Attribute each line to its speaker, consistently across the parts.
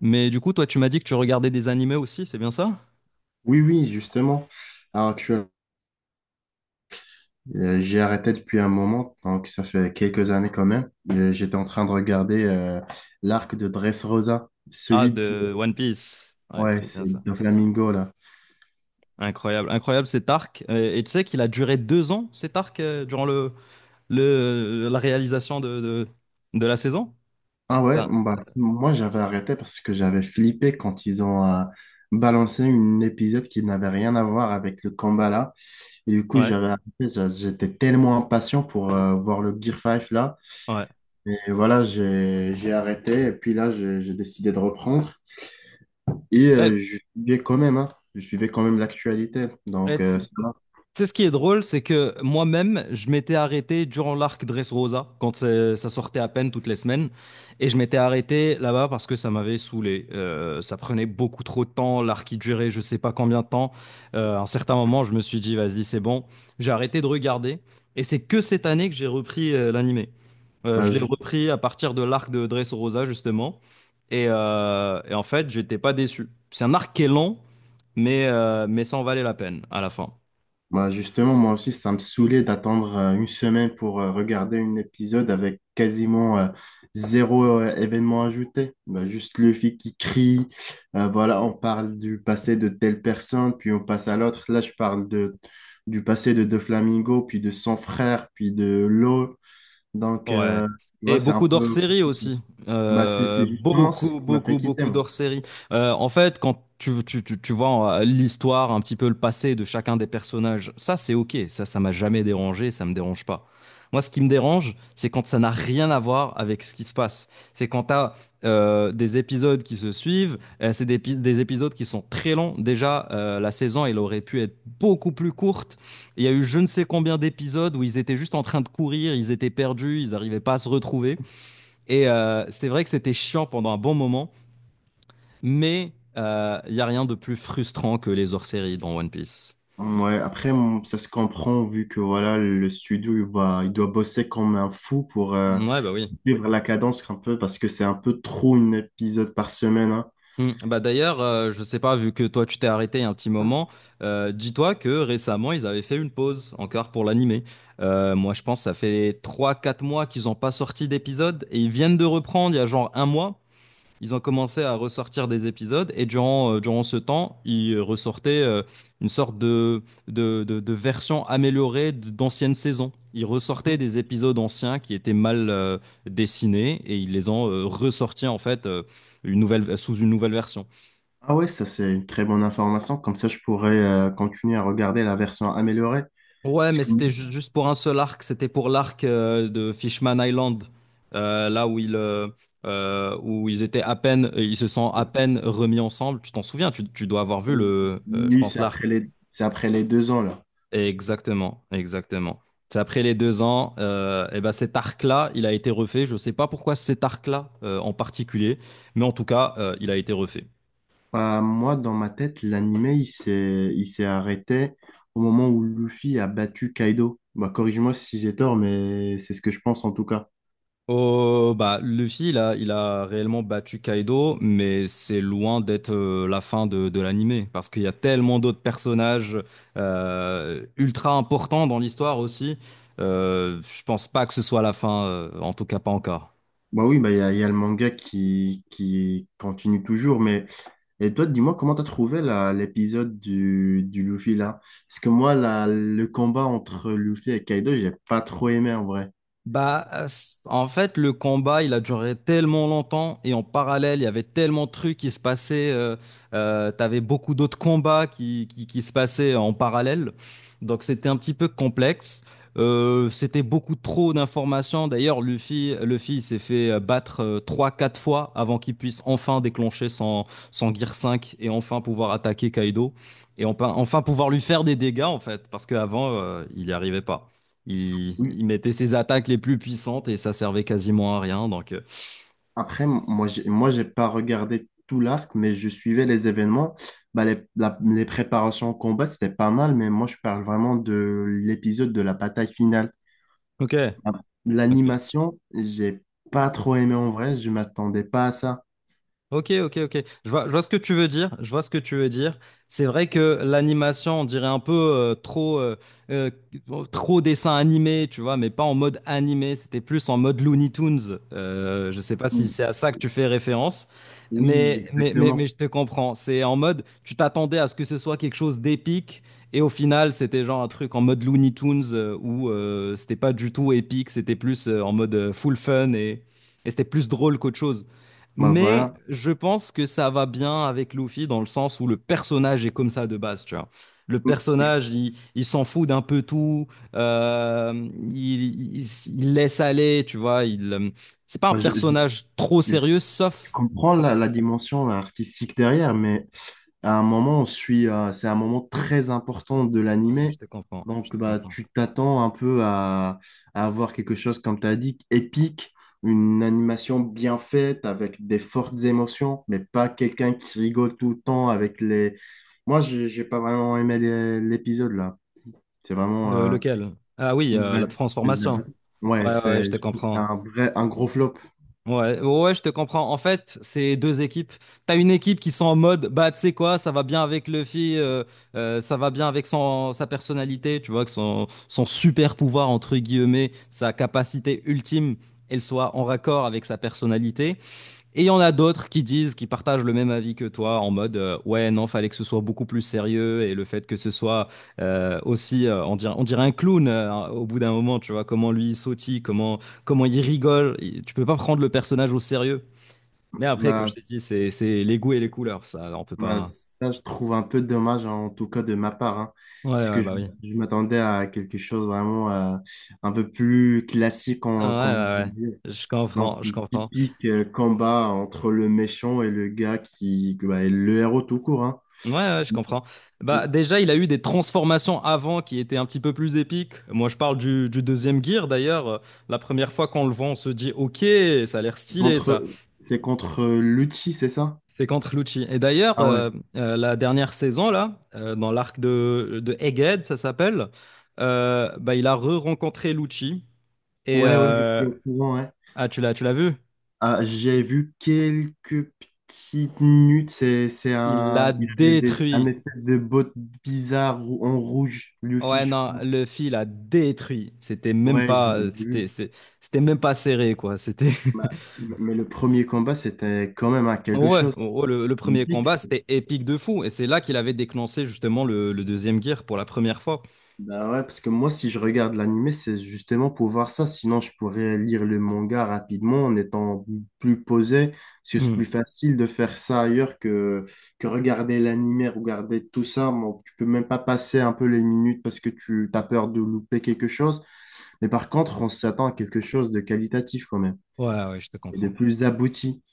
Speaker 1: Mais du coup, toi, tu m'as dit que tu regardais des animés aussi, c'est bien ça?
Speaker 2: Oui, oui, justement. Alors, actuellement, j'ai arrêté depuis un moment, donc ça fait quelques années quand même. J'étais en train de regarder l'arc de Dressrosa,
Speaker 1: Ah,
Speaker 2: celui de...
Speaker 1: de One Piece. Ouais,
Speaker 2: Ouais,
Speaker 1: trop bien
Speaker 2: c'est
Speaker 1: ça.
Speaker 2: de Flamingo, là.
Speaker 1: Incroyable, incroyable cet arc. Et tu sais qu'il a duré deux ans, cet arc, durant la réalisation de la saison?
Speaker 2: Ah ouais,
Speaker 1: Putain.
Speaker 2: bon, bah, moi j'avais arrêté parce que j'avais flippé quand ils ont balancé un épisode qui n'avait rien à voir avec le combat là. Et du coup,
Speaker 1: Ouais,
Speaker 2: j'avais arrêté, j'étais tellement impatient pour voir le Gear 5 là.
Speaker 1: ouais.
Speaker 2: Et voilà, j'ai arrêté et puis là, j'ai décidé de reprendre. Et
Speaker 1: Eh,
Speaker 2: je suivais quand même, hein, je suivais quand même l'actualité.
Speaker 1: eh,
Speaker 2: Donc,
Speaker 1: tu
Speaker 2: ça va.
Speaker 1: Tu sais, ce qui est drôle, c'est que moi-même, je m'étais arrêté durant l'arc Dressrosa, quand ça sortait à peine toutes les semaines. Et je m'étais arrêté là-bas parce que ça m'avait saoulé. Ça prenait beaucoup trop de temps, l'arc il durait je sais pas combien de temps. À un certain moment, je me suis dit, vas-y, c'est bon. J'ai arrêté de regarder. Et c'est que cette année que j'ai repris l'animé.
Speaker 2: Bah,
Speaker 1: Je l'ai
Speaker 2: ju-
Speaker 1: repris à partir de l'arc de Dressrosa, justement. Et en fait, j'étais pas déçu. C'est un arc qui est long, mais ça en valait la peine à la fin.
Speaker 2: bah, justement, moi aussi, ça me saoulait d'attendre une semaine pour regarder un épisode avec quasiment zéro événement ajouté. Bah, juste le fille qui crie. Voilà, on parle du passé de telle personne, puis on passe à l'autre. Là, du passé de Flamingo, puis de son frère, puis de l'eau. Donc,
Speaker 1: Ouais.
Speaker 2: tu vois,
Speaker 1: Et
Speaker 2: c'est un
Speaker 1: beaucoup
Speaker 2: peu
Speaker 1: d'hors-série
Speaker 2: compliqué.
Speaker 1: aussi.
Speaker 2: Bah, c'est justement c'est ce
Speaker 1: Beaucoup,
Speaker 2: qui m'a fait
Speaker 1: beaucoup,
Speaker 2: quitter,
Speaker 1: beaucoup
Speaker 2: moi.
Speaker 1: d'hors-série. En fait, quand tu vois l'histoire, un petit peu le passé de chacun des personnages, ça, c'est OK. Ça m'a jamais dérangé, ça me dérange pas. Moi, ce qui me dérange, c'est quand ça n'a rien à voir avec ce qui se passe. C'est quand t'as as des épisodes qui se suivent, c'est des épisodes qui sont très longs. Déjà, la saison, elle aurait pu être beaucoup plus courte. Il y a eu je ne sais combien d'épisodes où ils étaient juste en train de courir, ils étaient perdus, ils n'arrivaient pas à se retrouver. C'est vrai que c'était chiant pendant un bon moment, mais il n'y a rien de plus frustrant que les hors-séries dans One Piece.
Speaker 2: Ouais, après, ça se comprend vu que voilà, le studio, il doit bosser comme un fou pour
Speaker 1: Ouais, bah oui.
Speaker 2: vivre la cadence un peu parce que c'est un peu trop un épisode par semaine, hein.
Speaker 1: Hmm. Bah d'ailleurs, je sais pas, vu que toi tu t'es arrêté il y a un petit moment, dis-toi que récemment ils avaient fait une pause encore pour l'animé. Moi je pense que ça fait trois quatre mois qu'ils n'ont pas sorti d'épisode et ils viennent de reprendre il y a genre un mois. Ils ont commencé à ressortir des épisodes et durant, durant ce temps, ils ressortaient une sorte de version améliorée d'anciennes saisons. Ils ressortaient des épisodes anciens qui étaient mal dessinés et ils les ont ressortis en fait une nouvelle, sous une nouvelle version.
Speaker 2: Ah ouais, ça c'est une très bonne information. Comme ça, je pourrais continuer à regarder la version améliorée.
Speaker 1: Ouais,
Speaker 2: Parce
Speaker 1: mais
Speaker 2: que
Speaker 1: c'était juste pour un seul arc, c'était pour l'arc de Fishman Island, euh, là où ils, euh, où ils étaient à peine, ils se sont à peine remis ensemble. Tu t'en souviens, tu dois avoir vu le, je
Speaker 2: lui,
Speaker 1: pense, l'arc.
Speaker 2: c'est après les deux ans là.
Speaker 1: Exactement, exactement. C'est après les deux ans, eh ben cet arc-là, il a été refait. Je ne sais pas pourquoi cet arc-là en particulier, mais en tout cas, il a été refait.
Speaker 2: Bah, moi, dans ma tête, l'animé, il s'est arrêté au moment où Luffy a battu Kaido. Bah, corrige-moi si j'ai tort, mais c'est ce que je pense en tout cas.
Speaker 1: Oh, bah, Luffy, il a réellement battu Kaido, mais c'est loin d'être la fin de l'anime, parce qu'il y a tellement d'autres personnages ultra importants dans l'histoire aussi. Je pense pas que ce soit la fin, en tout cas pas encore.
Speaker 2: Bah oui, bah il y a le manga qui continue toujours, mais et toi, dis-moi comment t'as trouvé l'épisode du Luffy là? Parce que moi, le combat entre Luffy et Kaido, j'ai pas trop aimé en vrai.
Speaker 1: En fait, le combat, il a duré tellement longtemps et en parallèle, il y avait tellement de trucs qui se passaient. T'avais beaucoup d'autres combats qui se passaient en parallèle. Donc, c'était un petit peu complexe. C'était beaucoup trop d'informations. D'ailleurs, Luffy il s'est fait battre trois quatre fois avant qu'il puisse enfin déclencher son, son Gear 5 et enfin pouvoir attaquer Kaido. Et enfin, enfin pouvoir lui faire des dégâts, en fait, parce qu'avant, il n'y arrivait pas.
Speaker 2: Oui.
Speaker 1: Il mettait ses attaques les plus puissantes et ça servait quasiment à rien.
Speaker 2: Après, moi, j'ai pas regardé tout l'arc, mais je suivais les événements. Bah les préparations au combat, c'était pas mal, mais moi, je parle vraiment de l'épisode de la bataille finale.
Speaker 1: Ok,
Speaker 2: Ah,
Speaker 1: ok.
Speaker 2: l'animation, j'ai pas trop aimé en vrai, je m'attendais pas à ça.
Speaker 1: Ok, ok, ok. Je vois ce que tu veux dire. Je vois ce que tu veux dire. C'est vrai que l'animation, on dirait un peu euh, trop dessin animé, tu vois, mais pas en mode animé. C'était plus en mode Looney Tunes. Je sais pas si
Speaker 2: Mm.
Speaker 1: c'est à ça que tu fais référence,
Speaker 2: Oui,
Speaker 1: mais
Speaker 2: exactement.
Speaker 1: je te comprends. C'est en mode, tu t'attendais à ce que ce soit quelque chose d'épique, et au final, c'était genre un truc en mode Looney Tunes où c'était pas du tout épique. C'était plus en mode full fun et c'était plus drôle qu'autre chose.
Speaker 2: Bah
Speaker 1: Mais
Speaker 2: voilà.
Speaker 1: je pense que ça va bien avec Luffy dans le sens où le personnage est comme ça de base, tu vois. Le
Speaker 2: Je,
Speaker 1: personnage, il s'en fout d'un peu tout, il laisse aller, tu vois. C'est pas un
Speaker 2: bah, je-
Speaker 1: personnage trop sérieux,
Speaker 2: Je
Speaker 1: sauf
Speaker 2: comprends
Speaker 1: quand il...
Speaker 2: la dimension artistique derrière, mais à un moment, on suit, c'est un moment très important de
Speaker 1: Ouais, je
Speaker 2: l'animé.
Speaker 1: te comprends, je
Speaker 2: Donc,
Speaker 1: te
Speaker 2: bah,
Speaker 1: comprends.
Speaker 2: tu t'attends un peu à avoir quelque chose, comme tu as dit, épique, une animation bien faite, avec des fortes émotions, mais pas quelqu'un qui rigole tout le temps avec les... Moi, j'ai pas vraiment aimé l'épisode, là. C'est vraiment...
Speaker 1: Le- lequel? Ah oui,
Speaker 2: bah,
Speaker 1: la
Speaker 2: c'est de la-
Speaker 1: transformation.
Speaker 2: Ouais,
Speaker 1: Ouais, ouais, ouais,
Speaker 2: c'est,
Speaker 1: je te
Speaker 2: je trouve que c'est
Speaker 1: comprends.
Speaker 2: un vrai, un gros flop.
Speaker 1: Ouais, ouais, je te comprends. En fait, c'est deux équipes. T'as une équipe qui sont en mode, bah, tu sais quoi, ça va bien avec Luffy, ça va bien avec son, sa personnalité, tu vois, que son, son super pouvoir, entre guillemets, sa capacité ultime, elle soit en raccord avec sa personnalité. Et il y en a d'autres qui disent, qui partagent le même avis que toi, en mode ouais non, fallait que ce soit beaucoup plus sérieux et le fait que ce soit on dirait un clown au bout d'un moment, tu vois comment lui il sautille, comment il rigole. Il- tu peux pas prendre le personnage au sérieux. Mais après, comme
Speaker 2: Bah,
Speaker 1: je t'ai dit, c'est les goûts et les couleurs, ça, on peut
Speaker 2: Bah,
Speaker 1: pas.
Speaker 2: ça, je trouve un peu dommage, hein, en tout cas de ma part, hein,
Speaker 1: Ouais
Speaker 2: parce
Speaker 1: ouais
Speaker 2: que
Speaker 1: bah oui.
Speaker 2: je m'attendais à quelque chose vraiment un peu plus classique,
Speaker 1: Ah,
Speaker 2: en, comme on
Speaker 1: ouais ouais
Speaker 2: peut dire,
Speaker 1: ouais. Je
Speaker 2: non,
Speaker 1: comprends,
Speaker 2: plus
Speaker 1: je comprends.
Speaker 2: typique combat entre le méchant et le gars qui bah, est le héros tout court, hein.
Speaker 1: Ouais, ouais, je comprends. Bah, déjà, il a eu des transformations avant qui étaient un petit peu plus épiques. Moi, je parle du deuxième gear d'ailleurs. La première fois qu'on le voit, on se dit, ok, ça a l'air stylé ça.
Speaker 2: Contre, c'est contre Luchi, c'est ça?
Speaker 1: C'est contre Lucci.
Speaker 2: Ah ouais.
Speaker 1: La dernière saison là, dans l'arc de Egghead, ça s'appelle, bah, il a re-rencontré Lucci et
Speaker 2: Ouais, ouais, je suis
Speaker 1: euh,
Speaker 2: au courant, ouais.
Speaker 1: ah, tu l'as vu?
Speaker 2: Ah, j'ai vu quelques petites minutes. C'est
Speaker 1: Il
Speaker 2: un,
Speaker 1: l'a
Speaker 2: un
Speaker 1: détruit.
Speaker 2: espèce de botte bizarre en rouge, Luffy,
Speaker 1: Ouais,
Speaker 2: je
Speaker 1: non,
Speaker 2: pense.
Speaker 1: le fil a détruit. C'était même
Speaker 2: Ouais,
Speaker 1: pas,
Speaker 2: je l'ai vu.
Speaker 1: c'était même pas serré quoi. C'était
Speaker 2: Mais le premier combat, c'était quand même à quelque
Speaker 1: Ouais,
Speaker 2: chose.
Speaker 1: oh, oh, le
Speaker 2: C'est
Speaker 1: premier
Speaker 2: épique.
Speaker 1: combat, c'était épique de fou. Et c'est là qu'il avait déclenché justement le deuxième gear pour la première fois.
Speaker 2: Bah ouais, parce que moi, si je regarde l'animé, c'est justement pour voir ça. Sinon, je pourrais lire le manga rapidement en étant plus posé, parce que c'est
Speaker 1: Hmm.
Speaker 2: plus facile de faire ça ailleurs que regarder l'animé, regarder tout ça. Bon, tu peux même pas passer un peu les minutes parce que tu as peur de louper quelque chose. Mais par contre, on s'attend à quelque chose de qualitatif quand même
Speaker 1: Ouais, ouais, je te
Speaker 2: et de
Speaker 1: comprends.
Speaker 2: plus abouti.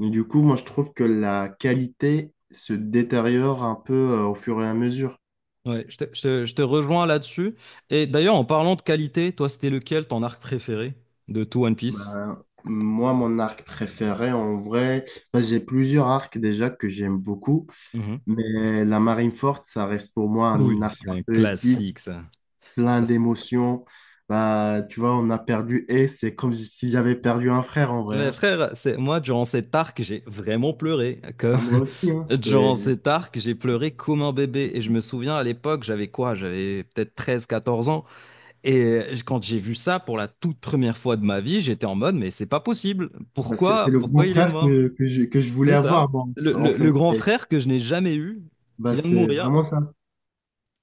Speaker 2: Mais du coup, moi, je trouve que la qualité se détériore un peu au fur et à mesure.
Speaker 1: Ouais, je te rejoins là-dessus. Et d'ailleurs, en parlant de qualité, toi, c'était lequel ton arc préféré de tout One Piece?
Speaker 2: Ben, moi, mon arc préféré, en vrai, ben, j'ai plusieurs arcs déjà que j'aime beaucoup,
Speaker 1: Mhm.
Speaker 2: mais la marine forte ça reste pour moi un
Speaker 1: Oui,
Speaker 2: arc
Speaker 1: c'est
Speaker 2: un
Speaker 1: un
Speaker 2: peu épique,
Speaker 1: classique, ça.
Speaker 2: plein
Speaker 1: Ça, c'est-
Speaker 2: d'émotions. Ben, tu vois, on a perdu et c'est comme si j'avais perdu un frère en vrai,
Speaker 1: Mais
Speaker 2: hein.
Speaker 1: frère, c'est moi, durant cet arc, j'ai vraiment pleuré. Comme...
Speaker 2: Ben, moi aussi, hein, c'est
Speaker 1: Durant cet arc, j'ai pleuré comme un bébé. Et je me souviens, à l'époque, j'avais quoi? J'avais peut-être treize, quatorze ans. Et quand j'ai vu ça pour la toute première fois de ma vie, j'étais en mode, mais c'est pas possible.
Speaker 2: ben, c'est
Speaker 1: Pourquoi,
Speaker 2: le grand
Speaker 1: pourquoi il est
Speaker 2: frère
Speaker 1: mort?
Speaker 2: que que je voulais
Speaker 1: C'est ça.
Speaker 2: avoir, moi, en
Speaker 1: Le
Speaker 2: fait.
Speaker 1: grand
Speaker 2: Et,
Speaker 1: frère que je n'ai jamais eu, qui
Speaker 2: ben,
Speaker 1: vient de
Speaker 2: c'est
Speaker 1: mourir,
Speaker 2: vraiment ça.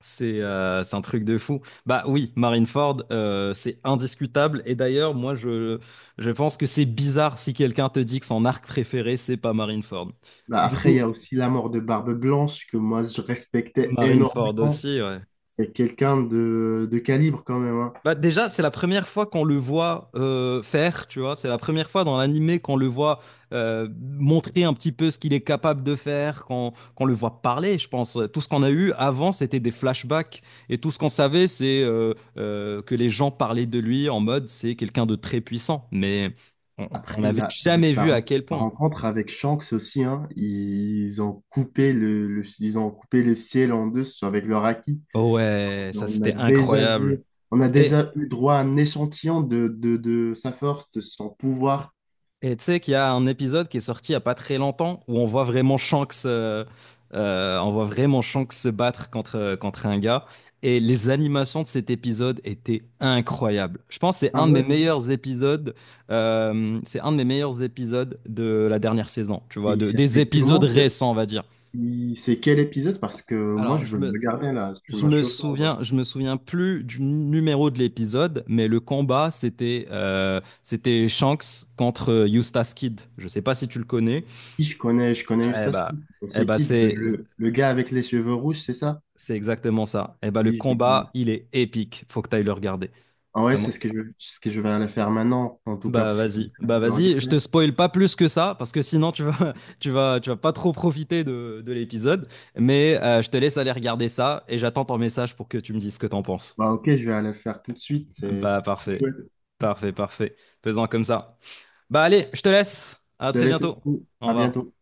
Speaker 1: c'est un truc de fou. Bah oui, Marineford, c'est indiscutable. Je pense que c'est bizarre si quelqu'un te dit que son arc préféré, c'est pas Marineford.
Speaker 2: Ben,
Speaker 1: Du
Speaker 2: après, il
Speaker 1: coup,
Speaker 2: y a aussi la mort de Barbe Blanche que moi, je respectais
Speaker 1: Marineford
Speaker 2: énormément.
Speaker 1: aussi, ouais.
Speaker 2: C'est quelqu'un de calibre quand même, hein.
Speaker 1: Bah déjà, c'est la première fois qu'on le voit faire, tu vois. C'est la première fois dans l'animé qu'on le voit montrer un petit peu ce qu'il est capable de faire, qu'on le voit parler, je pense. Tout ce qu'on a eu avant, c'était des flashbacks. Et tout ce qu'on savait, c'est que les gens parlaient de lui en mode c'est quelqu'un de très puissant. Mais on
Speaker 2: Après,
Speaker 1: n'avait
Speaker 2: avec
Speaker 1: jamais
Speaker 2: sa,
Speaker 1: vu à quel
Speaker 2: sa
Speaker 1: point.
Speaker 2: rencontre avec Shanks aussi, hein, ils ont coupé ils ont coupé le ciel en deux avec leur acquis.
Speaker 1: Oh ouais, ça
Speaker 2: On a
Speaker 1: c'était
Speaker 2: déjà vu,
Speaker 1: incroyable.
Speaker 2: on a
Speaker 1: et
Speaker 2: déjà eu droit à un échantillon de sa force, de son pouvoir.
Speaker 1: Et tu sais qu'il y a un épisode qui est sorti il y a pas très longtemps où on voit vraiment on voit vraiment Shanks se battre contre, contre un gars. Et les animations de cet épisode étaient incroyables. Je pense que c'est
Speaker 2: Ah
Speaker 1: un de mes
Speaker 2: ouais.
Speaker 1: meilleurs épisodes, c'est un de mes meilleurs épisodes de la dernière saison, tu
Speaker 2: Et
Speaker 1: vois,
Speaker 2: il
Speaker 1: de, des
Speaker 2: s'appelle
Speaker 1: épisodes
Speaker 2: comment?
Speaker 1: récents, on va dire.
Speaker 2: C'est quel épisode? Parce que moi,
Speaker 1: Alors,
Speaker 2: je veux
Speaker 1: je
Speaker 2: le
Speaker 1: me,
Speaker 2: regarder là. Tu
Speaker 1: je
Speaker 2: m'as
Speaker 1: me
Speaker 2: chauffé, en vrai.
Speaker 1: souviens, je me souviens plus du numéro de l'épisode, mais le combat, c'était Shanks contre Eustace Kid. Je sais pas si tu le connais.
Speaker 2: Qui je connais, je connais
Speaker 1: Eh
Speaker 2: Eustace
Speaker 1: bah,
Speaker 2: Kid.
Speaker 1: eh
Speaker 2: C'est
Speaker 1: bah
Speaker 2: qui
Speaker 1: c'est
Speaker 2: le gars avec les cheveux rouges, c'est ça?
Speaker 1: c'est exactement ça. Eh bah, le
Speaker 2: Oui, je le
Speaker 1: combat, il est épique. Faut que tu ailles le regarder.
Speaker 2: Ah ouais,
Speaker 1: Vraiment,
Speaker 2: c'est ce que
Speaker 1: c'est-
Speaker 2: ce que je vais aller faire maintenant, en tout cas, parce que j'ai hâte
Speaker 1: Bah
Speaker 2: de le
Speaker 1: vas-y, je
Speaker 2: regarder.
Speaker 1: te spoil pas plus que ça parce que sinon tu vas tu vas pas trop profiter de l'épisode, mais je te laisse aller regarder ça et j'attends ton message pour que tu me dises ce que t'en penses.
Speaker 2: Bah ok, je vais aller le faire tout de suite, c'est
Speaker 1: Bah
Speaker 2: c'est trop
Speaker 1: parfait.
Speaker 2: chouette.
Speaker 1: Parfait, parfait. Faisons comme ça. Bah allez, je te laisse. À
Speaker 2: Je te
Speaker 1: très
Speaker 2: laisse
Speaker 1: bientôt.
Speaker 2: aussi,
Speaker 1: Au
Speaker 2: à
Speaker 1: revoir.
Speaker 2: bientôt.